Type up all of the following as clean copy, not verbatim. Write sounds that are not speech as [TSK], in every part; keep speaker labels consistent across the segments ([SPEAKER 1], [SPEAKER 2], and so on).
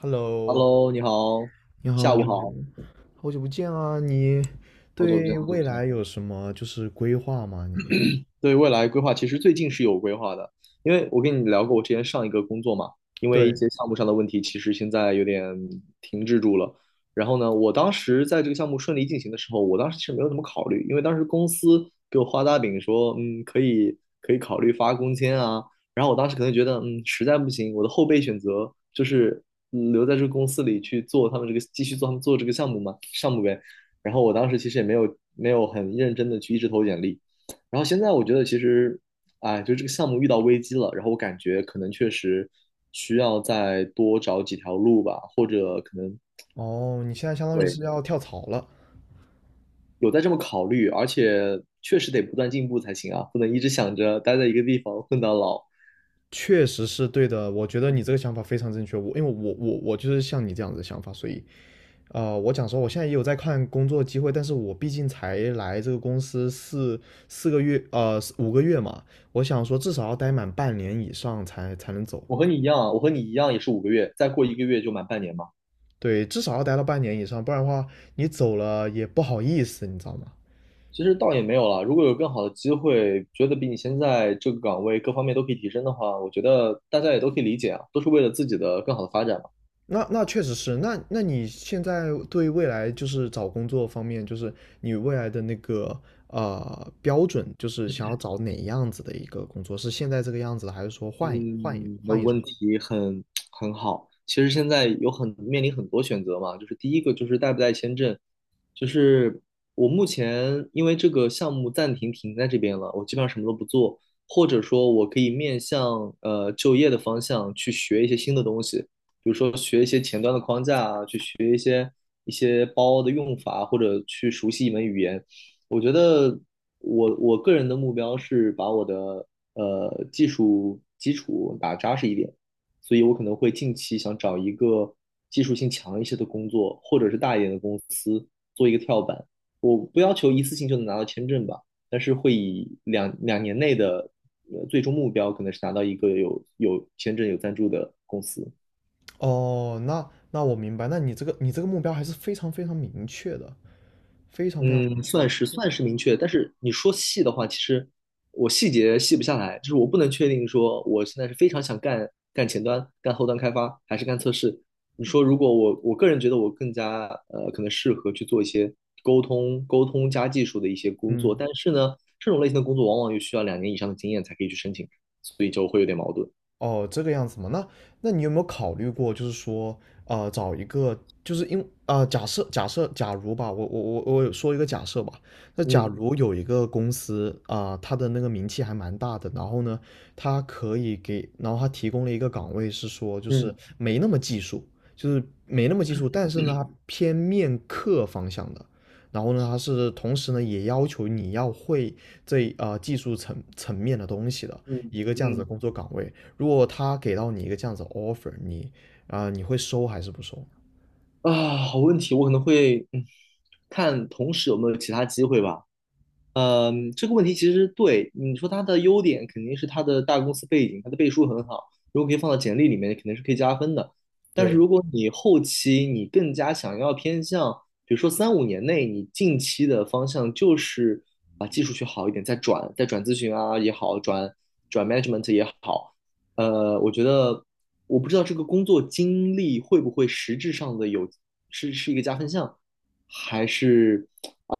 [SPEAKER 1] Hello，
[SPEAKER 2] Hello，你好，
[SPEAKER 1] 你
[SPEAKER 2] 下午
[SPEAKER 1] 好，
[SPEAKER 2] 好，
[SPEAKER 1] 好久不见啊！你
[SPEAKER 2] 好久不见，
[SPEAKER 1] 对
[SPEAKER 2] 好久不
[SPEAKER 1] 未来
[SPEAKER 2] 见。
[SPEAKER 1] 有什么就是规划吗？你
[SPEAKER 2] 对未来规划，其实最近是有规划的，因为我跟你聊过我之前上一个工作嘛，因为一
[SPEAKER 1] 对
[SPEAKER 2] 些项目上的问题，其实现在有点停滞住了。然后呢，我当时在这个项目顺利进行的时候，我当时其实没有怎么考虑，因为当时公司给我画大饼说，可以考虑发工签啊。然后我当时可能觉得，实在不行，我的后备选择就是留在这个公司里去做他们这个继续做他们做这个项目嘛，项目呗。然后我当时其实也没有很认真的去一直投简历。然后现在我觉得其实，哎，就这个项目遇到危机了，然后我感觉可能确实需要再多找几条路吧，或者可能，
[SPEAKER 1] 哦，你现在相当于
[SPEAKER 2] 对，
[SPEAKER 1] 是要跳槽了，
[SPEAKER 2] 有在这么考虑，而且确实得不断进步才行啊，不能一直想着待在一个地方混到老。
[SPEAKER 1] 确实是对的。我觉得你这
[SPEAKER 2] 嗯，
[SPEAKER 1] 个想法非常正确。因为我就是像你这样子的想法，所以我讲说我现在也有在看工作机会，但是我毕竟才来这个公司四个月五个月嘛，我想说至少要待满半年以上才能走。
[SPEAKER 2] 我和你一样啊，我和你一样也是五个月，再过一个月就满半年嘛。
[SPEAKER 1] 对，至少要待到半年以上，不然的话你走了也不好意思，你知道吗？
[SPEAKER 2] 其实倒也没有了，如果有更好的机会，觉得比你现在这个岗位各方面都可以提升的话，我觉得大家也都可以理解啊，都是为了自己的更好的发展嘛。
[SPEAKER 1] 那那确实是，那你现在对未来就是找工作方面，就是你未来的那个标准，就是想要找哪样子的一个工作？是现在这个样子的，还是说换一换一
[SPEAKER 2] 嗯，那
[SPEAKER 1] 换一种？
[SPEAKER 2] 问题很 [TSK] 很好。其实现在有很面临很多选择嘛，就是第一个就是带不带签证，就是我目前因为这个项目暂停停在这边了，我基本上什么都不做，或者说我可以面向就业的方向去学一些新的东西，比如说学一些前端的框架啊，去学一些包的用法，或者去熟悉一门语言。我觉得。我个人的目标是把我的技术基础打扎实一点，所以我可能会近期想找一个技术性强一些的工作，或者是大一点的公司做一个跳板。我不要求一次性就能拿到签证吧，但是会以两年内的最终目标可能是拿到一个有签证有赞助的公司。
[SPEAKER 1] 哦，那那我明白，那你这个目标还是非常非常明确的，非常非常明
[SPEAKER 2] 嗯，
[SPEAKER 1] 确。
[SPEAKER 2] 算
[SPEAKER 1] 其
[SPEAKER 2] 是
[SPEAKER 1] 实，
[SPEAKER 2] 算是明确，但是你说细的话，其实我细节细不下来，就是我不能确定说我现在是非常想干前端、干后端开发，还是干测试。你说如果我个人觉得我更加可能适合去做一些沟通加技术的一些工作，
[SPEAKER 1] 嗯
[SPEAKER 2] 但是呢，这种类型的工作往往又需要两年以上的经验才可以去申请，所以就会有点矛盾。
[SPEAKER 1] 哦，这个样子嘛，那那你有没有考虑过，就是说，呃，找一个，就是因，呃，假设假设假如吧，我有说一个假设吧，那假
[SPEAKER 2] 嗯
[SPEAKER 1] 嗯如有一个公司啊，呃它的那个名气还蛮大的，然后呢，它可以给，然后它提供了一个岗位，是说就是
[SPEAKER 2] 嗯，
[SPEAKER 1] 没那么技术，就是没那么技术，但是呢，它偏面客方向的。然后呢，它是同时呢也要求你要会这啊技术层面的东西的
[SPEAKER 2] 嗯
[SPEAKER 1] 一个这样子的
[SPEAKER 2] 嗯，
[SPEAKER 1] 工作岗位，如果他给到你一个这样子的 offer，你你会收还是不收？
[SPEAKER 2] 啊，好问题，我可能会看同时有没有其他机会吧。呃，这个问题其实对你说它的优点肯定是它的大公司背景，它的背书很好，如果可以放到简历里面，肯定是可以加分的。但是
[SPEAKER 1] 对，
[SPEAKER 2] 如果你后期你更加想要偏向，比如说三五年内，你近期的方向就是把技术学好一点，再转咨询啊也好，转 management 也好，我觉得我不知道这个工作经历会不会实质上的有是一个加分项，还是，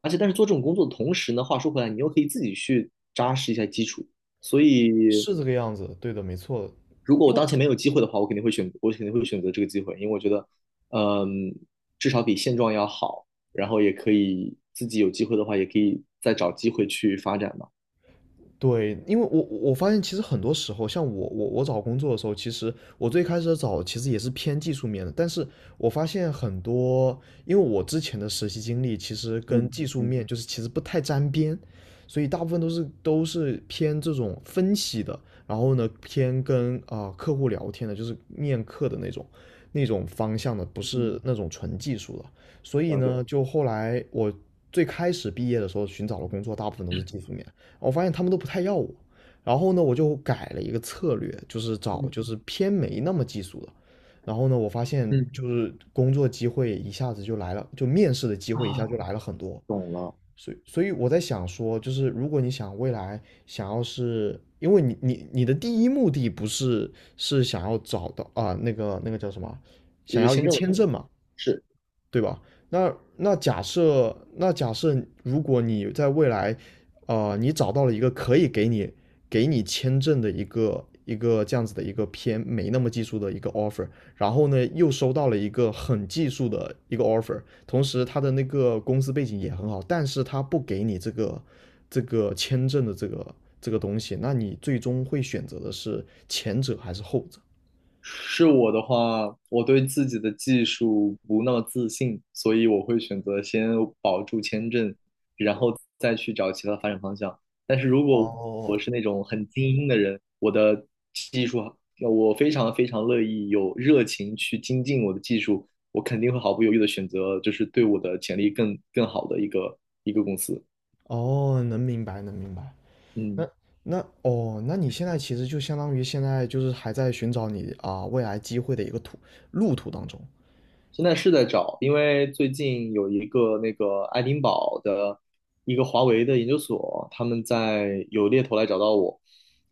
[SPEAKER 2] 而且但是做这种工作的同时呢，话说回来，你又可以自己去扎实一下基础。所以，
[SPEAKER 1] 是这个样子，对的，没错。
[SPEAKER 2] 如果
[SPEAKER 1] 因
[SPEAKER 2] 我当
[SPEAKER 1] 为
[SPEAKER 2] 前没有机会的话，我肯定会选择这个机会，因为我觉得，嗯，至少比现状要好，然后也可以自己有机会的话，也可以再找机会去发展嘛。
[SPEAKER 1] 对，因为我发现其实很多时候，像我找工作的时候，其实我最开始找其实也是偏技术面的，但是我发现很多，因为我之前的实习经历其实跟
[SPEAKER 2] 嗯
[SPEAKER 1] 技术
[SPEAKER 2] 嗯，
[SPEAKER 1] 面就是其实不太沾边，所以大部分都是偏这种分析的，然后呢偏跟客户聊天的，就是面客的那种方向的，不是
[SPEAKER 2] 嗯，
[SPEAKER 1] 那种纯技术的，所以
[SPEAKER 2] 了解，
[SPEAKER 1] 呢，就后来我最开始毕业的时候寻找的工作，大部分都是技术面。我发现他们都不太要我。然后呢，我就改了一个策略，就是找就
[SPEAKER 2] 嗯
[SPEAKER 1] 是偏没那么技术的。然后呢，我发现
[SPEAKER 2] 嗯，
[SPEAKER 1] 就是工作机会一下子就来了，就面试的机会一下
[SPEAKER 2] 啊，
[SPEAKER 1] 就来了很多。
[SPEAKER 2] 懂了，
[SPEAKER 1] 所以我在想说，就是如果你想未来想要是，因为你的第一目的不是是想要找到那个那个叫什么，
[SPEAKER 2] 解
[SPEAKER 1] 想
[SPEAKER 2] 决
[SPEAKER 1] 要一
[SPEAKER 2] 签
[SPEAKER 1] 个
[SPEAKER 2] 证问题
[SPEAKER 1] 签
[SPEAKER 2] 嘛，
[SPEAKER 1] 证嘛？
[SPEAKER 2] 是。
[SPEAKER 1] 对吧？那那假设，那假设如果你在未来，呃，你找到了一个可以给你签证的一个这样子的一个偏没那么技术的一个 offer，然后呢又收到了一个很技术的一个 offer，同时他的那个公司背景也很好，但是他不给你这个这个签证的这个东西，那你最终会选择的是前者还是后者？
[SPEAKER 2] 是我的话，我对自己的技术不那么自信，所以我会选择先保住签证，然后再去找其他发展方向。但是如果
[SPEAKER 1] 哦，
[SPEAKER 2] 我是那种很精英的人，我的技术，我非常非常乐意有热情去精进我的技术，我肯定会毫不犹豫的选择，就是对我的潜力更好的一个公司。
[SPEAKER 1] 哦，能明白，能明白。
[SPEAKER 2] 嗯。
[SPEAKER 1] 那那哦，那你现在其实就相当于现在就是还在寻找你未来机会的一个路途当中。
[SPEAKER 2] 现在是在找，因为最近有一个那个爱丁堡的一个华为的研究所，他们在有猎头来找到我，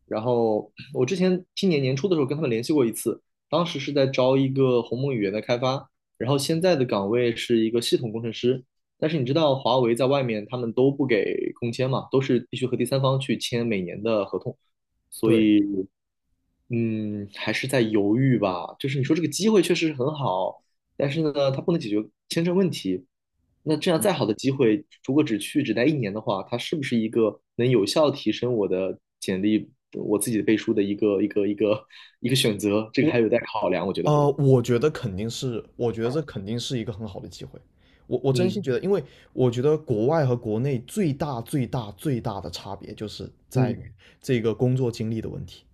[SPEAKER 2] 然后我之前今年年初的时候跟他们联系过一次，当时是在招一个鸿蒙语言的开发，然后现在的岗位是一个系统工程师，但是你知道华为在外面他们都不给工签嘛，都是必须和第三方去签每年的合同，所
[SPEAKER 1] 对，
[SPEAKER 2] 以。还是在犹豫吧。就是你说这个机会确实是很好，但是呢，它不能解决签证问题。那这样再好的机会，如果只待一年的话，它是不是一个能有效提升我的简历、我自己的背书的一个选择？这个
[SPEAKER 1] 我
[SPEAKER 2] 还有待考量，我觉得。
[SPEAKER 1] 我觉得肯定是，我觉得这肯定是一个很好的机会。我我真
[SPEAKER 2] 嗯
[SPEAKER 1] 心觉得，因为我觉得国外和国内最大的差别就是在
[SPEAKER 2] 嗯，
[SPEAKER 1] 于这个工作经历的问题。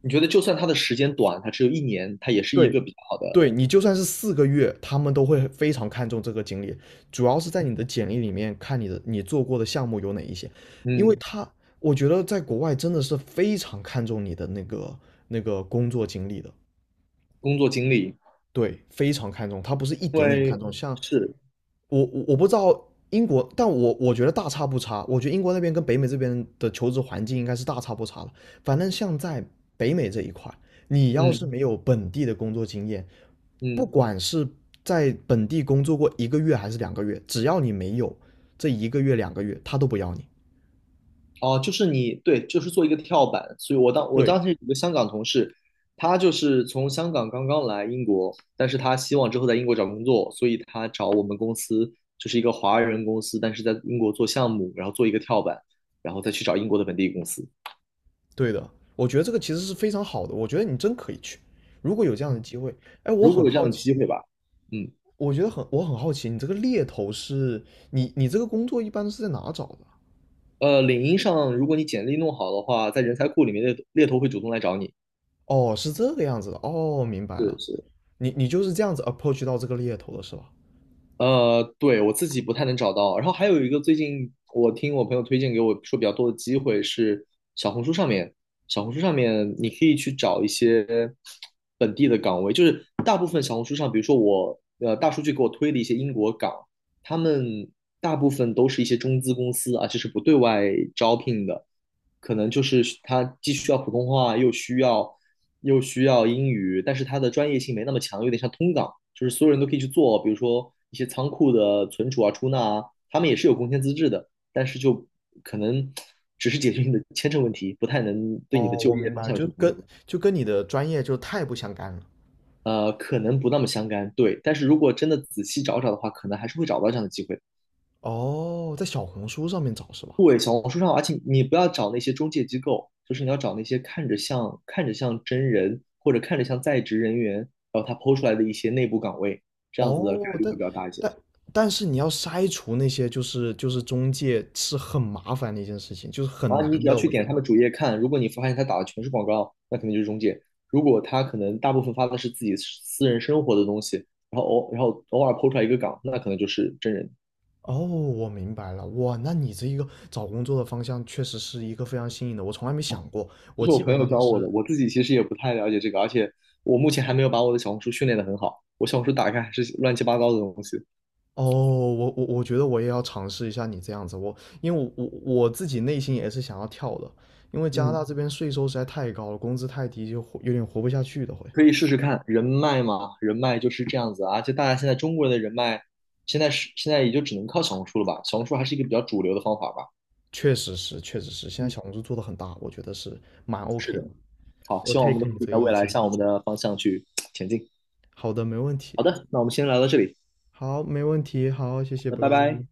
[SPEAKER 2] 你觉得就算它的时间短，它只有一年，它也是一
[SPEAKER 1] 对，
[SPEAKER 2] 个比较好的
[SPEAKER 1] 对你就算是四个月，他们都会非常看重这个经历，主要是在你的简历里面看你的你做过的项目有哪一些，因为
[SPEAKER 2] 嗯
[SPEAKER 1] 他我觉得在国外真的是非常看重你的那个那个工作经历的，
[SPEAKER 2] 工作经历，
[SPEAKER 1] 对，非常看重，他不是一
[SPEAKER 2] 因
[SPEAKER 1] 点点看
[SPEAKER 2] 为
[SPEAKER 1] 重，像
[SPEAKER 2] 是
[SPEAKER 1] 我不知道英国，但我觉得大差不差。我觉得英国那边跟北美这边的求职环境应该是大差不差的。反正像在北美这一块，你要
[SPEAKER 2] 嗯
[SPEAKER 1] 是没有本地的工作经验，不
[SPEAKER 2] 嗯。
[SPEAKER 1] 管是在本地工作过一个月还是两个月，只要你没有这一个月两个月，他都不要你。
[SPEAKER 2] 哦，就是你，对，就是做一个跳板。所以我
[SPEAKER 1] 对，
[SPEAKER 2] 当时有个香港同事，他就是从香港刚刚来英国，但是他希望之后在英国找工作，所以他找我们公司，就是一个华人公司，但是在英国做项目，然后做一个跳板，然后再去找英国的本地公司。
[SPEAKER 1] 对的，我觉得这个其实是非常好的。我觉得你真可以去，如果有这样的机会。哎，我
[SPEAKER 2] 如果
[SPEAKER 1] 很
[SPEAKER 2] 有这
[SPEAKER 1] 好
[SPEAKER 2] 样的机
[SPEAKER 1] 奇，
[SPEAKER 2] 会吧，嗯，
[SPEAKER 1] 我觉得很，我很好奇，你这个工作一般是在哪找的？
[SPEAKER 2] 领英上如果你简历弄好的话，在人才库里面猎头会主动来找你。
[SPEAKER 1] 哦，是这个样子的，哦，明白
[SPEAKER 2] 是
[SPEAKER 1] 了，
[SPEAKER 2] 是，
[SPEAKER 1] 你你就是这样子 approach 到这个猎头的是吧？
[SPEAKER 2] 对，我自己不太能找到。然后还有一个，最近我听我朋友推荐给我说比较多的机会是小红书上面，小红书上面你可以去找一些本地的岗位，就是大部分小红书上，比如说我大数据给我推的一些英国岗，他们大部分都是一些中资公司，啊，就是不对外招聘的，可能就是他既需要普通话，又需要英语，但是它的专业性没那么强，有点像通岗，就是所有人都可以去做，比如说一些仓库的存储啊、出纳啊，他们也是有工签资质的，但是就可能只是解决你的签证问题，不太能对你的
[SPEAKER 1] 哦，
[SPEAKER 2] 就
[SPEAKER 1] 我
[SPEAKER 2] 业
[SPEAKER 1] 明
[SPEAKER 2] 方
[SPEAKER 1] 白，
[SPEAKER 2] 向有什么帮助
[SPEAKER 1] 就跟你的专业就太不相干了。
[SPEAKER 2] 可能不那么相干，对。但是如果真的仔细找找的话，可能还是会找到这样的机会，
[SPEAKER 1] 哦，在小红书上面找是吧？
[SPEAKER 2] 对，小红书上，而且你不要找那些中介机构，就是你要找那些看着像真人或者看着像在职人员，然后他 PO 出来的一些内部岗位，这样子的概
[SPEAKER 1] 哦，
[SPEAKER 2] 率会
[SPEAKER 1] 但
[SPEAKER 2] 比较大一些。
[SPEAKER 1] 但但是你要筛除那些就是中介是很麻烦的一件事情，就是
[SPEAKER 2] 然
[SPEAKER 1] 很
[SPEAKER 2] 后你
[SPEAKER 1] 难
[SPEAKER 2] 只要
[SPEAKER 1] 的，
[SPEAKER 2] 去
[SPEAKER 1] 我觉
[SPEAKER 2] 点他
[SPEAKER 1] 得。
[SPEAKER 2] 们主页看，如果你发现他打的全是广告，那肯定就是中介；如果他可能大部分发的是自己私人生活的东西，然后偶尔 PO 出来一个岗，那可能就是真人。
[SPEAKER 1] 哦，我明白了，哇，那你这一个找工作的方向确实是一个非常新颖的，我从来没想过，
[SPEAKER 2] 这
[SPEAKER 1] 我
[SPEAKER 2] 是我
[SPEAKER 1] 基
[SPEAKER 2] 朋
[SPEAKER 1] 本
[SPEAKER 2] 友
[SPEAKER 1] 上都
[SPEAKER 2] 教我的，
[SPEAKER 1] 是
[SPEAKER 2] 我自己其实也不太了解这个，而且我目前还没有把我的小红书训练得很好，我小红书打开还是乱七八糟的东西。
[SPEAKER 1] 哦，我觉得我也要尝试一下你这样子，我因为我我自己内心也是想要跳的，因为加拿
[SPEAKER 2] 嗯，
[SPEAKER 1] 大这边税收实在太高了，工资太低就活有点活不下去的会。
[SPEAKER 2] 可以试试看人脉嘛，人脉就是这样子啊。就大家现在中国人的人脉，现在也就只能靠小红书了吧？小红书还是一个比较主流的方法吧。
[SPEAKER 1] 确实是，确实是，现在
[SPEAKER 2] 嗯，
[SPEAKER 1] 小红书做的很大，我觉得是蛮
[SPEAKER 2] 是
[SPEAKER 1] OK
[SPEAKER 2] 的，
[SPEAKER 1] 的。
[SPEAKER 2] 好，
[SPEAKER 1] 我
[SPEAKER 2] 希望我们都
[SPEAKER 1] take 你
[SPEAKER 2] 可
[SPEAKER 1] 这
[SPEAKER 2] 以
[SPEAKER 1] 个
[SPEAKER 2] 在未
[SPEAKER 1] 意
[SPEAKER 2] 来
[SPEAKER 1] 见，
[SPEAKER 2] 向我们的方向去前进。
[SPEAKER 1] 好的，没问题，
[SPEAKER 2] 好的，那我们先聊到这里，
[SPEAKER 1] 好，没问题，好，谢
[SPEAKER 2] 好
[SPEAKER 1] 谢，
[SPEAKER 2] 的，
[SPEAKER 1] 拜
[SPEAKER 2] 拜
[SPEAKER 1] 拜。
[SPEAKER 2] 拜。